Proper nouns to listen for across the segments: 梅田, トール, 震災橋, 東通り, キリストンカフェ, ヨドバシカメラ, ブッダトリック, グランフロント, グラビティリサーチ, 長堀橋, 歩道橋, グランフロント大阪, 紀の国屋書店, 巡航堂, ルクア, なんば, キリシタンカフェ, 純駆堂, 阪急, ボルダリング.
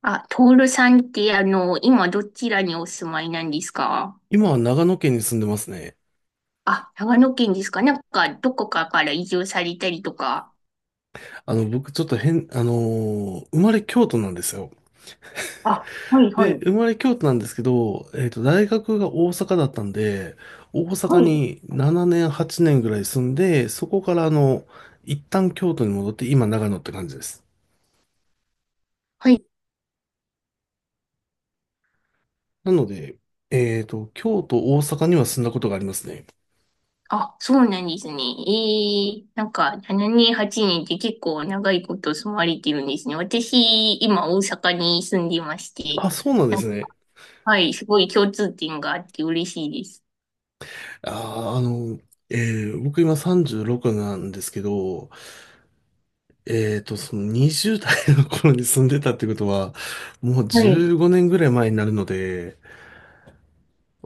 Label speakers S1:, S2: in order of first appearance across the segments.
S1: あ、トールさんって、今どちらにお住まいなんですか？
S2: 今は長野県に住んでますね。
S1: あ、長野県ですか。なんか、どこかから移住されたりとか。
S2: 僕ちょっと変、生まれ京都なんですよ。
S1: あ、はい、は
S2: で、
S1: い、
S2: 生まれ京都なんですけど、大学が大阪だったんで、大
S1: は
S2: 阪
S1: い、
S2: に7年、8年ぐらい住んで、そこから一旦京都に戻って、今長野って感じです。
S1: はい。
S2: なので、京都、大阪には住んだことがありますね。
S1: あ、そうなんですね。ええ、なんか、7年、8年って結構長いこと住まれてるんですね。私、今、大阪に住んでまして、
S2: あ、そうなんで
S1: なん
S2: す
S1: か
S2: ね。
S1: はい、すごい共通点があって嬉しいです。
S2: あー、あの、え僕今36なんですけど、その20代の頃に住んでたってことは、もう15年ぐらい前になるので、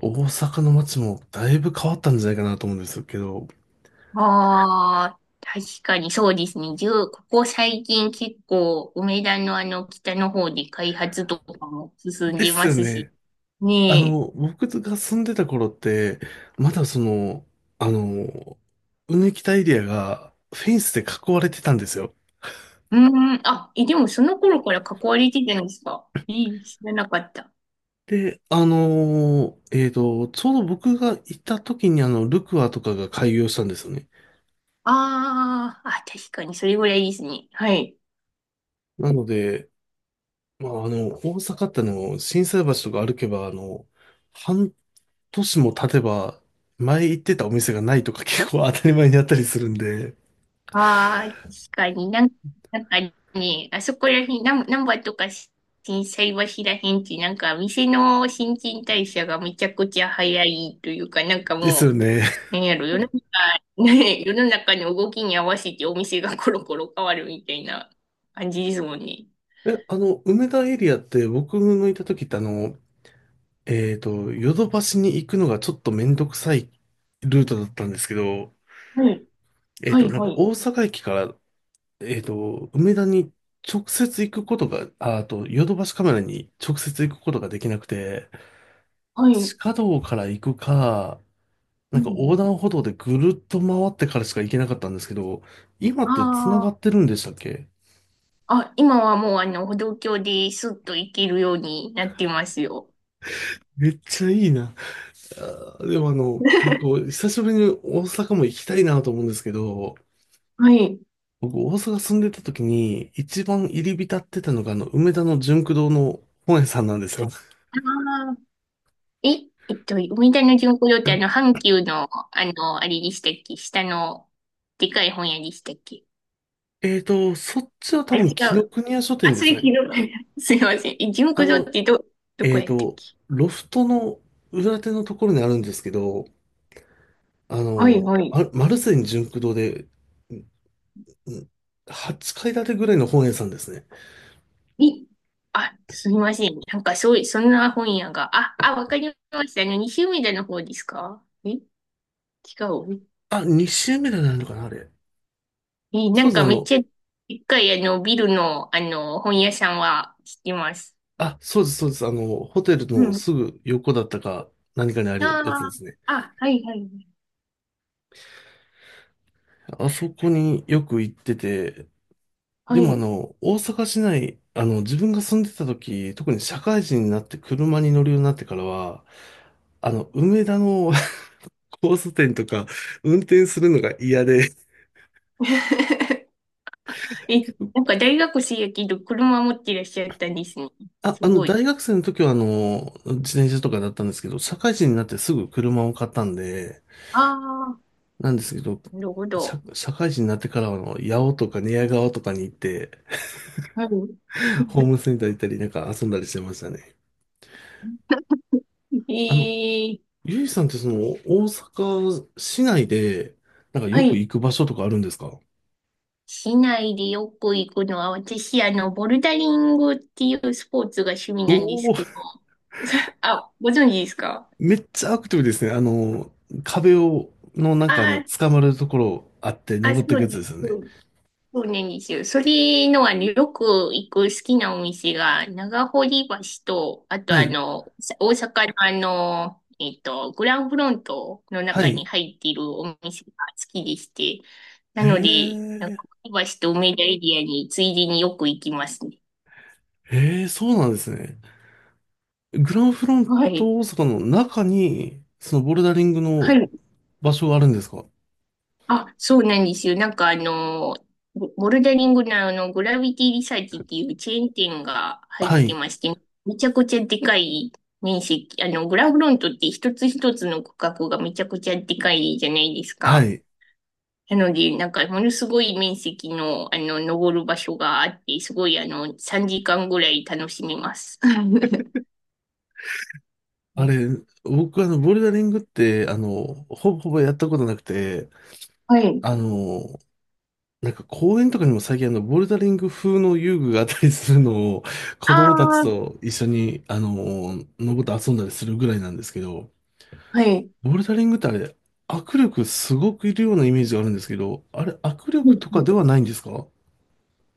S2: 大阪の街もだいぶ変わったんじゃないかなと思うんですけど。
S1: ああ、確かにそうですね。じゅうここ最近結構、梅田のあの北の方で開発とかも進ん
S2: で
S1: で
S2: す
S1: ま
S2: よ
S1: すし。
S2: ね。
S1: ねえ。
S2: 僕が住んでた頃って、まだその、あの、うぬきたエリアがフェンスで囲われてたんですよ。
S1: うーん、あ、え、でもその頃から関われてたんですか？いい、知らなかった。
S2: で、ちょうど僕が行った時にルクアとかが開業したんですよね。
S1: ああ、あ、確かにそれぐらいですね。はい。
S2: なので、まあ、大阪って心斎橋とか歩けば、半年も経てば、前行ってたお店がないとか結構当たり前にあったりするんで、
S1: ああ、確かになんか、なんかね、あそこら辺、なんばとか震災橋ら辺って、なんか店の新陳代謝がめちゃくちゃ早いというか、なんか
S2: ですよ
S1: も
S2: ね。
S1: う、なんやろ、世の中、ね、世の中の動きに合わせてお店がコロコロ変わるみたいな感じですもんね。
S2: え、あの、梅田エリアって僕のいた時ってヨドバシに行くのがちょっとめんどくさいルートだったんですけど、
S1: はい、はい、
S2: なん
S1: は
S2: か
S1: い、
S2: 大阪駅から、梅田に直接行くことが、あ、あと、ヨドバシカメラに直接行くことができなくて、
S1: はい。う
S2: 地
S1: ん
S2: 下道から行くか、
S1: う
S2: なんか横
S1: ん、
S2: 断歩道でぐるっと回ってからしか行けなかったんですけど、今って繋が
S1: あ
S2: ってるんでしたっけ？
S1: あ、あ、今はもうあの、歩道橋でスッと行けるようになってますよ。
S2: めっちゃいいな。でもね、こう、久しぶりに大阪も行きたいなと思うんですけど、
S1: はい。
S2: 僕大阪住んでた時に一番入り浸ってたのが梅田の純駆堂の本屋さんなんですよ。
S1: え、えっと、梅田の巡航堂ってあの、阪急の、あの、あれでしたっけ？下の、でかい本屋でしたっけ？
S2: そっちは多
S1: あ、違
S2: 分紀の
S1: う。
S2: 国屋書店
S1: あ、
S2: で
S1: そ
S2: す
S1: れ昨
S2: ね。
S1: 日。すいません。え、巡
S2: あ
S1: 航堂っ
S2: の、
S1: てど、どこ
S2: えー
S1: やったっ
S2: と、
S1: け？
S2: ロフトの裏手のところにあるんですけど、
S1: はいはい。
S2: あマルセン純駆堂で、うん。8階建てぐらいの本屋さんですね。
S1: え、あ、すみません。なんかそういう、そんな本屋が。あ、あ、わかりました。あの、西梅田の方ですか？え、違う。
S2: あ、2周目でなるのかな、あれ。
S1: え、な
S2: そう
S1: ん
S2: です、
S1: かめっちゃ、でっかいあの、ビルの、あの、本屋さんは知ってます。
S2: そうです、そうです。ホテル
S1: う
S2: の
S1: ん。
S2: すぐ横だったか、何かにある
S1: あ
S2: やつですね。
S1: あ、あ、はいはい。
S2: あそこによく行ってて、で
S1: は
S2: も
S1: い。
S2: 大阪市内、自分が住んでた時、特に社会人になって車に乗るようになってからは、梅田の 交差点とか運転するのが嫌で、
S1: え、なんか大学生やけど車持ってらっしゃったんですね。
S2: あ、
S1: すごい。
S2: 大学生の時は、自転車とかだったんですけど、社会人になってすぐ車を買ったんで、
S1: ああ、
S2: なんですけど、
S1: なるほど。
S2: 社会人になってからは、八尾とか寝屋川とかに行って、
S1: はい。
S2: ホームセンター行ったり、なんか遊んだりしてましたね。
S1: え
S2: あの、
S1: ー、
S2: ゆいさんってその、大阪市内で、なんか
S1: は
S2: よく
S1: い。
S2: 行く場所とかあるんですか？
S1: 市内でよく行くのは、私、あの、ボルダリングっていうスポーツが趣味なんです
S2: おお
S1: けど。
S2: ー、
S1: あ、ご存知ですか？
S2: めっちゃアクティブですね。壁を、のなんか
S1: あー、
S2: 捕まるところあって
S1: あ、
S2: 登
S1: そ
S2: っていくや
S1: う
S2: つ
S1: で
S2: で
S1: す。
S2: すよね。
S1: そうなんですよ。それの、あの、よく行く好きなお店が、長堀橋と、あと
S2: は
S1: あ
S2: い。
S1: の、さ大阪のあの、えっと、グランフロントの
S2: は
S1: 中に
S2: い。
S1: 入っているお店が好きでして、な
S2: へ
S1: ので、長
S2: え。
S1: 堀橋と梅田エリアについでによく行きますね。
S2: ええ、そうなんですね。グランフロン
S1: はい。
S2: ト大阪の中に、そのボルダリング
S1: は
S2: の
S1: い。
S2: 場所があるんですか？
S1: あ、そうなんですよ。なんかあの、ボルダリングのあの、グラビティリサーチっていうチェーン店が入っ
S2: は
S1: て
S2: い。
S1: まして、めちゃくちゃでかい面積、あの、グラフロントって一つ一つの区画がめちゃくちゃでかいじゃないです
S2: は
S1: か。
S2: い。
S1: なので、なんかものすごい面積の、あの、登る場所があって、すごいあの、3時間ぐらい楽しみます。
S2: あれ、僕ボルダリングって、ほぼほぼやったことなくて、
S1: はい。
S2: あの、なんか公園とかにも最近ボルダリング風の遊具があったりするのを、子
S1: あ
S2: 供たち
S1: あ、
S2: と一緒に、登って遊んだりするぐらいなんですけど、
S1: はい。
S2: ボルダリングってあれ、握力すごくいるようなイメージがあるんですけど、あれ、握力とかではないんですか？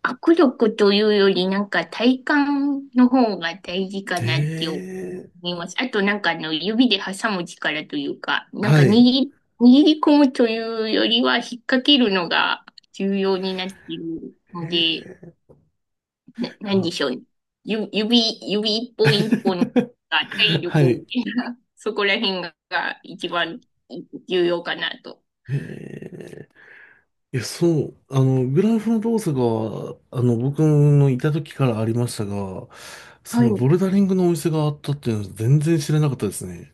S1: 握力というより、なんか体幹の方が大事か
S2: へ
S1: なって思
S2: え。
S1: います。あとなんかあの指で挟む力というか、なんか
S2: は
S1: 握
S2: い。へ
S1: り、握り込むというよりは引っ掛けるのが重要になっているので、
S2: え、
S1: なん
S2: あ、
S1: でしょうね。ゆ指、指一本一本が体
S2: は
S1: 力を
S2: い。
S1: ね、そこら辺が一番重要かなと。
S2: へえ、いや、そう、グラフの動作が、僕のいた時からありましたが、そ
S1: は
S2: の
S1: い。
S2: ボルダリングのお店があったっていうのは全然知らなかったですね。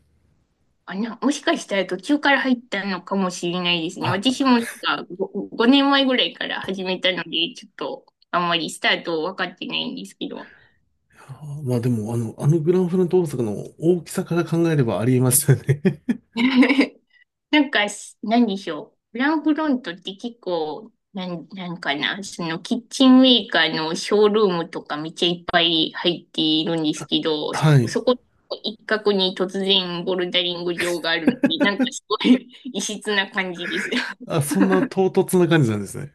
S1: あ、な、もしかしたら途中から入ったのかもしれないですね。私
S2: あ、
S1: もなんかご5、年前ぐらいから始めたので、ちょっとあんまりスタート分かってないんですけど。
S2: まあでも、あのグラフの動作の大きさから考えればありえますよね。
S1: なんか、す何でしょう。フランクフロントって結構、なん、なんかな、そのキッチンメーカーのショールームとかめっちゃいっぱい入っているんですけど、
S2: はい。
S1: そこ一角に突然ボルダリング場があるので、なんかすごい 異質な感じです。
S2: あ、そんな唐突な感じなんですね。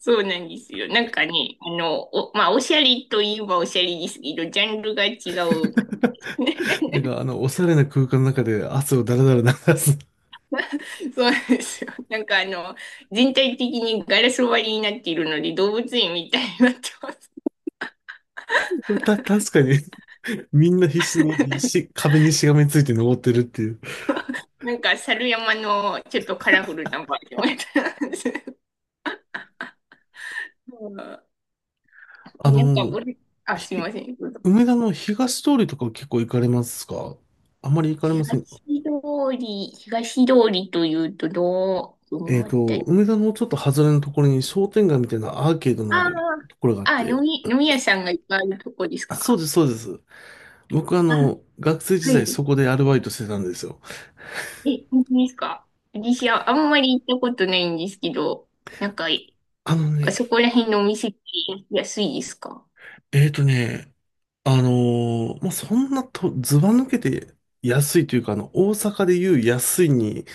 S1: そうなんですよ。なんかね、あの、お、まあ、おしゃれといえばおしゃれですけど、ジャンルが違うから。
S2: なん か、おしゃれな空間の中で汗をだらだら流す。
S1: そうなんですよ。なんかあの、全体的にガラス割りになっているので、動物園みたいになってます。
S2: 確かにみんな必死に し、壁にしがみついて登ってるっていう。
S1: なんか、猿山のちょっとカラフルなバージョンみたいなんです。うん、
S2: あ
S1: 田舎
S2: の、
S1: ぶり、あ、すい
S2: ひ、
S1: ません。どうぞ。
S2: 梅田の東通りとか結構行かれますか？あまり行かれませんか？
S1: 東通り、東通りというと、どう、どのあたり？
S2: 梅田のちょっと外れのところに商店街みたいなアーケードの
S1: あ
S2: あるところがあっ
S1: あ、あ、飲
S2: て。
S1: み、飲み屋さんがいっぱいあるとこです
S2: あ、そう
S1: か？
S2: です、そうです。僕
S1: あ、
S2: 学生時
S1: は
S2: 代
S1: い。
S2: そこでアルバイトしてたんですよ。
S1: え、本当ですか？私はあんまり行ったことないんですけど、なんか、
S2: あの
S1: あ
S2: ね、
S1: そこら辺のお店って安いですか？
S2: えっとね、あのまあ、そんなと、ずば抜けて安いというか、大阪でいう安いに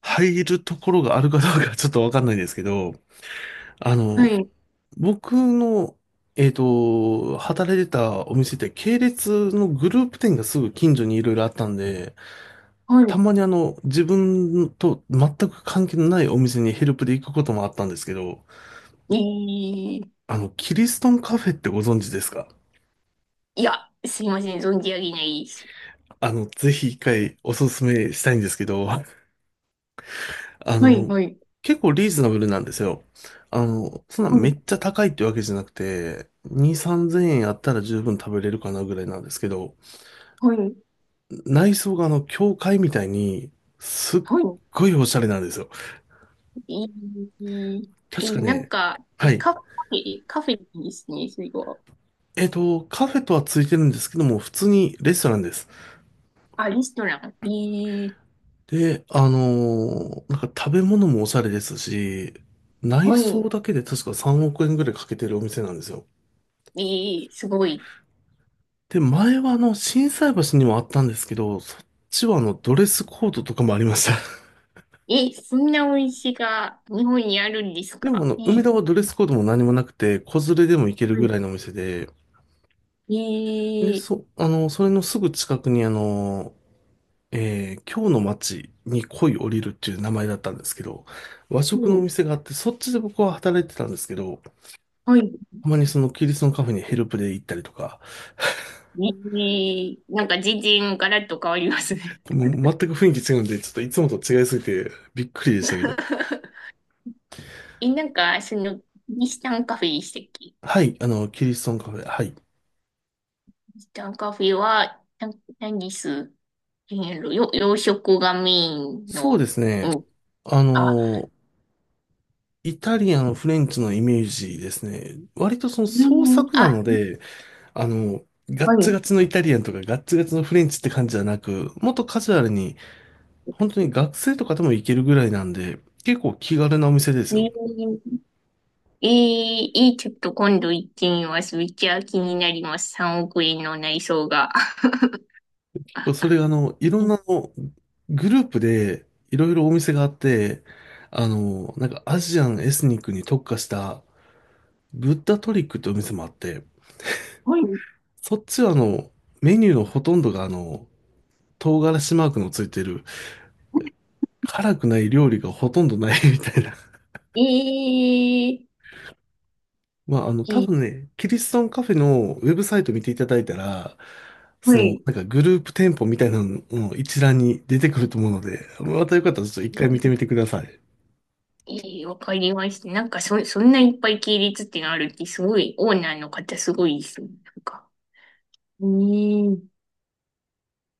S2: 入るところがあるかどうかちょっとわかんないですけど、あ
S1: は
S2: の、
S1: い。
S2: 僕の、働いてたお店って系列のグループ店がすぐ近所にいろいろあったんで、た
S1: は
S2: まに自分と全く関係のないお店にヘルプで行くこともあったんですけど、
S1: い。えー、
S2: キリストンカフェってご存知ですか？
S1: いや、すいません、存じ上げないです。
S2: ぜひ一回おすすめしたいんですけど、あ
S1: はい、
S2: の、
S1: はい。
S2: 結構リーズナブルなんですよ。そんな
S1: は
S2: め
S1: い、
S2: っちゃ高いってわけじゃなくて、2、3000円あったら十分食べれるかなぐらいなんですけど、
S1: はい、
S2: 内装が教会みたいに、すっ
S1: は
S2: ごいおしゃれなんですよ。
S1: い。えー、
S2: 確
S1: え、
S2: か
S1: なん
S2: ね、
S1: か、
S2: は
S1: え、
S2: い。
S1: カフェですね、それは。
S2: カフェとはついてるんですけども、普通にレストランです。
S1: あ、レストラン。えー、
S2: で、なんか食べ物もおしゃれですし、内
S1: は
S2: 装
S1: い。
S2: だけで確か3億円ぐらいかけてるお店なんですよ。
S1: えー、すごい。
S2: で、前は心斎橋にもあったんですけど、そっちはドレスコードとかもありました。
S1: え、そんなお店が日本にあるんです
S2: でも
S1: か？え
S2: 梅
S1: ー、
S2: 田はドレスコードも何もなくて、子連れでも行ける
S1: は
S2: ぐ
S1: い、
S2: らいのお店で、で、
S1: ええ、
S2: それのすぐ近くに今日の街に恋降りるっていう名前だったんですけど、和
S1: う
S2: 食のお
S1: ん。
S2: 店があって、そっちで僕は働いてたんですけど、
S1: はい。
S2: たまにそのキリストのカフェにヘルプで行ったりとか、
S1: ね、えーなんか全然ガラッと変わりますね。
S2: もう全く雰囲気違うんで、ちょっといつもと違いすぎてびっくりでしたけど。
S1: え、なんか、その、キリシタンカフェでしたっけ？キ
S2: はい、キリストンカフェ、はい。
S1: リシタンカフェは、何です、えー、よ、洋食がメイン
S2: そうで
S1: の、
S2: すね。あ
S1: あ、
S2: の、イタリアのフレンチのイメージですね。割とその
S1: う
S2: 創
S1: ん、
S2: 作な
S1: あ、
S2: ので、あの、ガ
S1: は
S2: ッツ
S1: い。
S2: ガツのイタリアンとかガッツガツのフレンチって感じじゃなく、もっとカジュアルに、本当に学生とかでも行けるぐらいなんで、結構気軽なお店ですよ。
S1: ね、ええー、えーちょっと今度行ってみます。めっちゃ気になります。3億円の内装が。
S2: 結構それがいろんなグループでいろいろお店があって、なんかアジアンエスニックに特化したブッダトリックってお店もあって、
S1: はい。
S2: そっちはメニューのほとんどが唐辛子マークのついてる、辛くない料理がほとんどないみたいな。
S1: えー、
S2: まあ、
S1: え
S2: 多
S1: ー
S2: 分ね、キリストンカフェのウェブサイト見ていただいたら、
S1: は
S2: その、
S1: い。
S2: なんかグループ店舗みたいなのの一覧に出てくると思うので、またよかったらちょっと一回見てみてください。
S1: ええ、わかりました。なんかそ、そんないっぱい系列ってのあるって、すごい、オーナーの方すごいですね。なんか。うん。